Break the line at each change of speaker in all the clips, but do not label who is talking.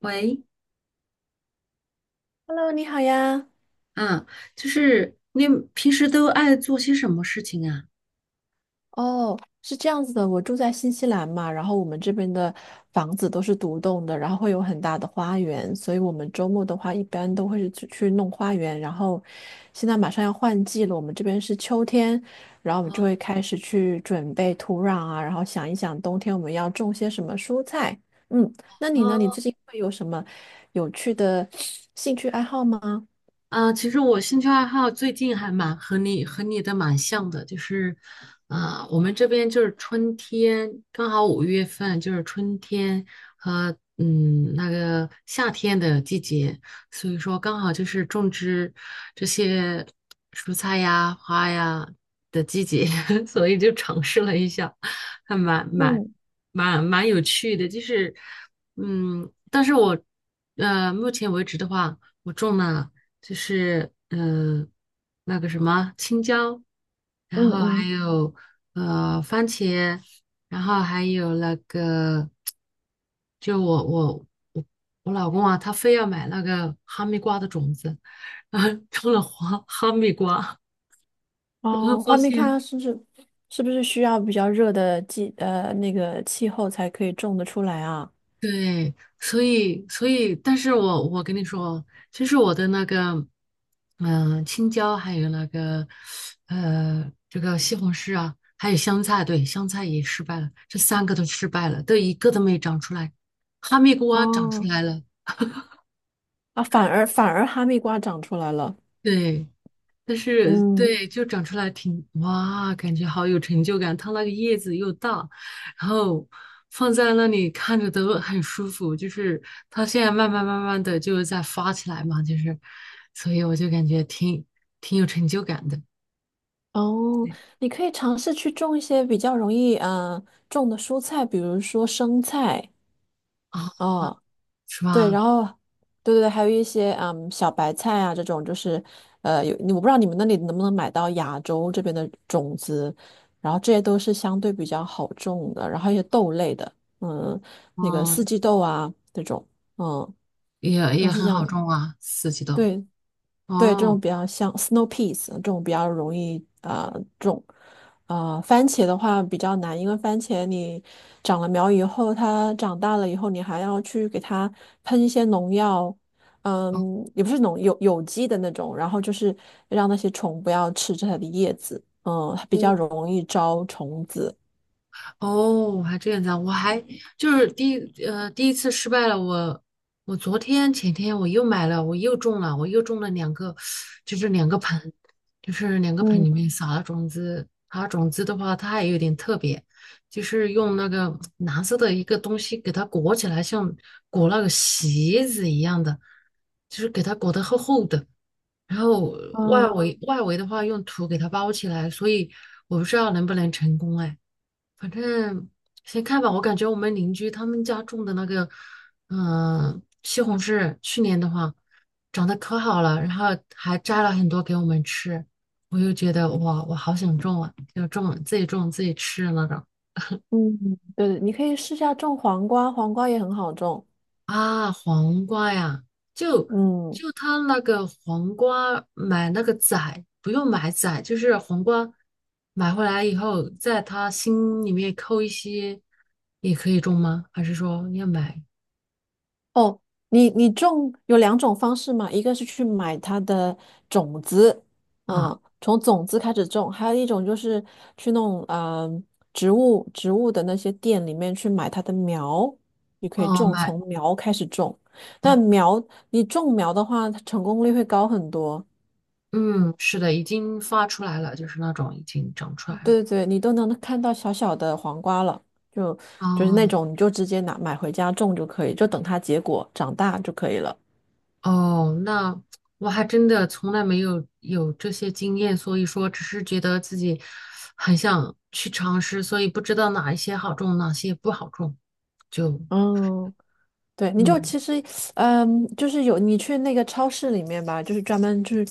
喂，
Hello，你好呀。
啊，就是你平时都爱做些什么事情啊？
哦，是这样子的，我住在新西兰嘛，然后我们这边的房子都是独栋的，然后会有很大的花园，所以我们周末的话一般都会是去弄花园。然后现在马上要换季了，我们这边是秋天，然后我们就会开始去准备土壤啊，然后想一想冬天我们要种些什么蔬菜。嗯，那你呢？你
哦，
最近会有什么有趣的兴趣爱好吗？
其实我兴趣爱好最近还蛮和你的蛮像的，就是，啊，我们这边就是春天，刚好五月份就是春天和那个夏天的季节，所以说刚好就是种植这些蔬菜呀、花呀的季节，所以就尝试了一下，还蛮蛮
嗯
蛮蛮有趣的，就是但是我目前为止的话，我种了。就是那个什么青椒，
嗯
然后还
嗯，
有番茄，然后还有那个，就我我我我老公啊，他非要买那个哈密瓜的种子，然后种了花哈密瓜，然后
哦，
发
画密
现
咖是不是需要比较热的那个气候才可以种得出来啊？
对，所以，但是我跟你说，其实我的那个，嗯、青椒还有那个，呃，这个西红柿啊，还有香菜，对，香菜也失败了，这三个都失败了，都一个都没长出来，哈密瓜长出
哦，
来了，
啊，反而哈密瓜长出来了。
对，但是
嗯，
对，就长出来挺哇，感觉好有成就感。它那个叶子又大，然后放在那里看着都很舒服。就是它现在慢慢的就在发起来嘛，就是，所以我就感觉挺有成就感的
哦，你可以尝试去种一些比较容易种的蔬菜，比如说生菜
啊，
啊，
是
对，
吧？
然后对对对，还有一些小白菜啊这种，就是我不知道你们那里能不能买到亚洲这边的种子，然后这些都是相对比较好种的，然后一些豆类的，嗯，那个四
嗯，
季豆啊这种，嗯，
也
都
也
是这
很好
样。
种啊，四季豆。
对，对，这种
哦，
比较像 snow peas 这种比较容易啊、种，番茄的话比较难，因为番茄你长了苗以后，它长大了以后，你还要去给它喷一些农药，
哦，
也不是有机的那种，然后就是让那些虫不要吃着它的叶子，它比较容易招虫子。
哦，还这样子啊！我还就是第一次失败了，我我昨天前天我又买了，我又中了，我又中了两个，就是两个盆，就是两个盆
嗯
里面撒了种子。它种子的话，它还有点特别，就是用那个蓝色的一个东西给它裹起来，像裹那个席子一样的，就是给它裹得厚厚的。然后外
嗯
围外围的话用土给它包起来，所以我不知道能不能成功哎。反正先看吧，我感觉我们邻居他们家种的那个，嗯、西红柿去年的话长得可好了，然后还摘了很多给我们吃，我又觉得哇，我好想种啊，就种自己种自己吃的那种
嗯，对，你可以试下种黄瓜，黄瓜也很好种，
啊，黄瓜呀，就
嗯。
就他那个黄瓜买那个仔，不用买仔，就是黄瓜买回来以后，在他心里面扣一些，也可以种吗？还是说要买？
哦，你种有两种方式嘛，一个是去买它的种子，
啊？
从种子开始种，还有一种就是去弄啊、呃植物植物的那些店里面去买它的苗，你可以
哦，
种，
买，
从苗开始种。
哦，
但苗你种苗的话，它成功率会高很多。
嗯，是的，已经发出来了，就是那种已经长出来了。
对对对，你都能看到小小的黄瓜了，就就是那
哦，
种你就直接拿买回家种就可以，就等它结果长大就可以了。
哦，那我还真的从来没有这些经验，所以说只是觉得自己很想去尝试，所以不知道哪一些好种，哪些不好种，就
嗯。对，你就
嗯，
其实，就是有你去那个超市里面吧，就是专门就是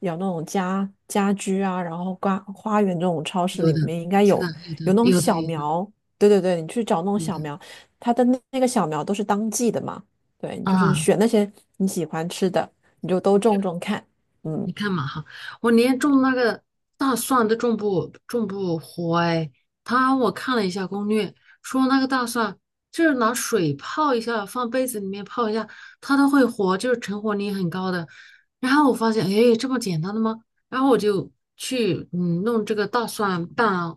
有那种家居啊，然后花园这种超市
有
里
的，
面应该有
是的，有的，
有那种
有的，
小
有的，
苗，对对对，你去找那种
有
小
的
苗，它的那个小苗都是当季的嘛，对，你就是
啊。
选那些你喜欢吃的，你就都种种看，嗯。
你看嘛哈，我连种那个大蒜都种不活哎。他我看了一下攻略，说那个大蒜就是拿水泡一下，放杯子里面泡一下，它都会活，就是成活率很高的。然后我发现，哎，这么简单的吗？然后我就去弄这个大蒜瓣啊，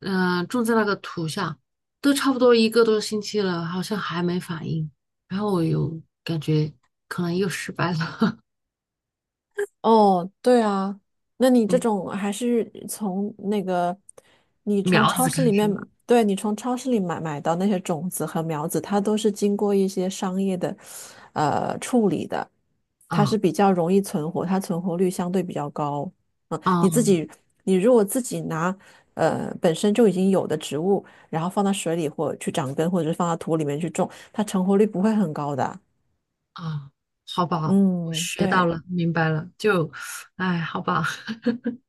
嗯、种在那个土下，都差不多一个多星期了，好像还没反应。然后我又感觉可能又失败了，
哦，对啊，那你 这
嗯，
种还是从那个，你从
苗
超
子开
市里
始。
面，对，你从超市里买到那些种子和苗子，它都是经过一些商业的，处理的，它
啊
是比较容易存活，它存活率相对比较高。嗯，你自
啊
己，你如果自己拿，本身就已经有的植物，然后放到水里或去长根，或者是放到土里面去种，它成活率不会很高的。
啊！好吧，我
嗯，
学到
对。
了，明白了，就，哎，好吧，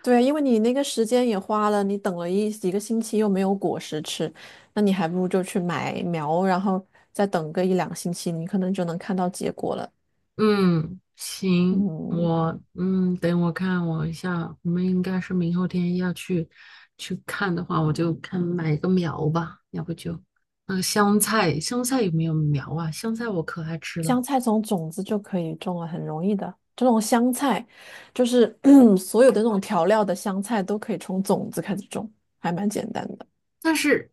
对，因为你那个时间也花了，你等了几个星期又没有果实吃，那你还不如就去买苗，然后再等个一两星期，你可能就能看到结果了。
嗯，行，
嗯，
我等我看我一下，我们应该是明后天要去去看的话，我就看买个苗吧，要不就那个香菜，香菜有没有苗啊？香菜我可爱吃了，
香菜从种子就可以种了，很容易的。这种香菜，就是 所有的那种调料的香菜都可以从种子开始种，还蛮简单的。
但是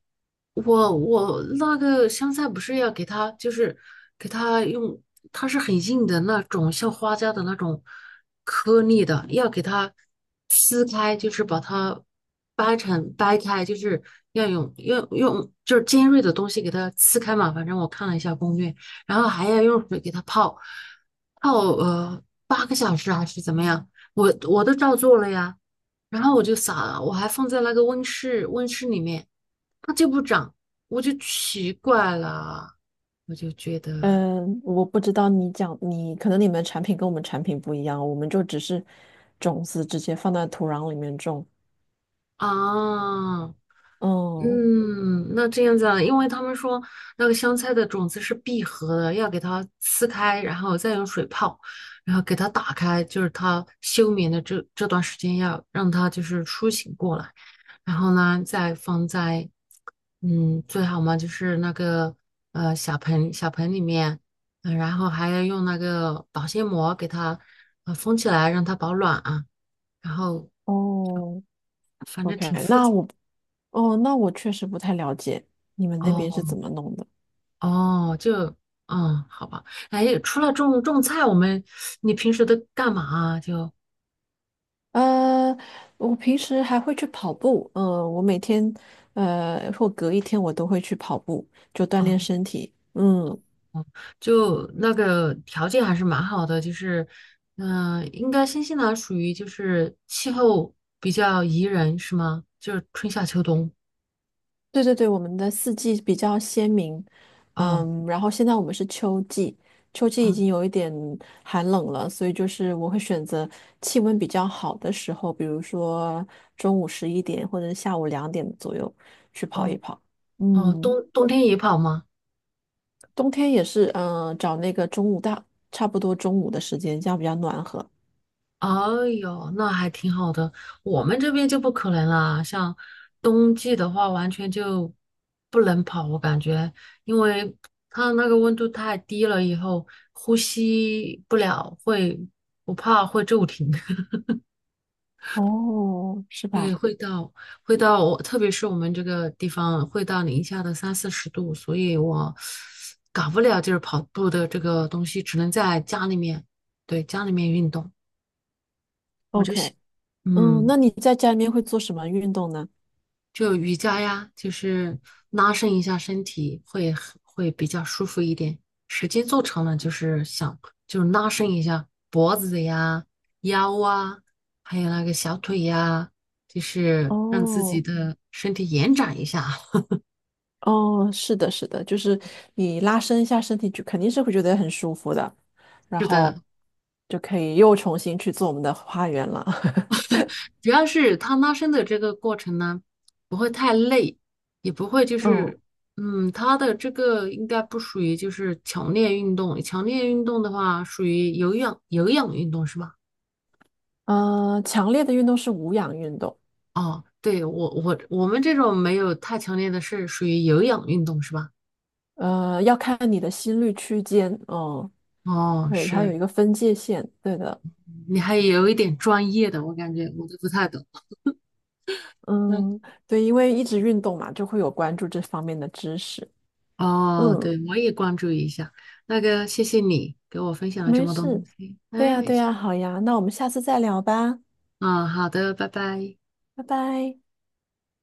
我那个香菜不是要给它，就是给它用，它是很硬的那种，像花椒的那种颗粒的，要给它撕开，就是把它掰开，就是要用就是尖锐的东西给它撕开嘛。反正我看了一下攻略，然后还要用水给它泡8个小时还是怎么样，我都照做了呀。然后我就撒了，我还放在那个温室里面。它就不长，我就奇怪了，我就觉得
嗯，我不知道你可能你们产品跟我们产品不一样，我们就只是种子直接放在土壤里面种。
啊，
嗯，
嗯，那这样子啊，因为他们说那个香菜的种子是闭合的，要给它撕开，然后再用水泡，然后给它打开，就是它休眠的这段时间要让它就是苏醒过来，然后呢再放在嗯，最好嘛就是那个小盆里面，嗯、然后还要用那个保鲜膜给它封起来，让它保暖啊。然后
哦，
反正
OK，
挺复杂
那我确实不太了解你们那边是
哦
怎么弄的。
哦，就嗯好吧。哎，除了种种菜，你平时都干嘛啊？就
呃，我平时还会去跑步，我每天或隔一天我都会去跑步，就锻
哦
炼身体。嗯，
哦，就那个条件还是蛮好的，就是应该新西兰属于就是气候比较宜人是吗？就是春夏秋冬
对对对，我们的四季比较鲜明，
哦。
然后现在我们是秋季，秋季已
哦
经有一点寒冷了，所以就是我会选择气温比较好的时候，比如说中午11点或者下午2点左右去跑一
哦
跑。
哦，
嗯。
冬天也跑吗？
冬天也是，找那个中午大，差不多中午的时间，这样比较暖和。
哎呦，那还挺好的。我们这边就不可能啦，像冬季的话，完全就不能跑，我感觉，因为它那个温度太低了，以后呼吸不了，我怕会骤停。
哦，是
对，
吧
会到，特别是我们这个地方会到零下的30到40度，所以我搞不了就是跑步的这个东西，只能在家里面，对，家里面运动。
？OK，那
嗯，
你在家里面会做什么运动呢？
就瑜伽呀，就是拉伸一下身体，会比较舒服一点。时间做长了，就是想就是拉伸一下脖子呀、腰啊，还有那个小腿呀，就是让自己
哦，
的身体延展一下。
哦，是的，是的，就是你拉伸一下身体，就肯定是会觉得很舒服的，然
是的，
后就可以又重新去做我们的花园了。
主要是它拉伸的这个过程呢，不会太累，也不会就
嗯，
是，嗯，它的这个应该不属于就是强烈运动，强烈运动的话属于有氧运动是吧？
强烈的运动是无氧运动，
哦，对，我们这种没有太强烈的是属于有氧运动是吧？
要看你的心率区间，嗯，
哦，
对，它有
是，
一个分界线，对的。
你还有一点专业的，我感觉我都不太懂。嗯，
嗯，对，因为一直运动嘛，就会有关注这方面的知识。
哦，
嗯，
对，我也关注一下。那个，谢谢你给我分享了这
没
么多东
事。
西。
对呀，
哎，
对呀，好呀，那我们下次再聊吧，
嗯，好的，拜拜。
拜拜。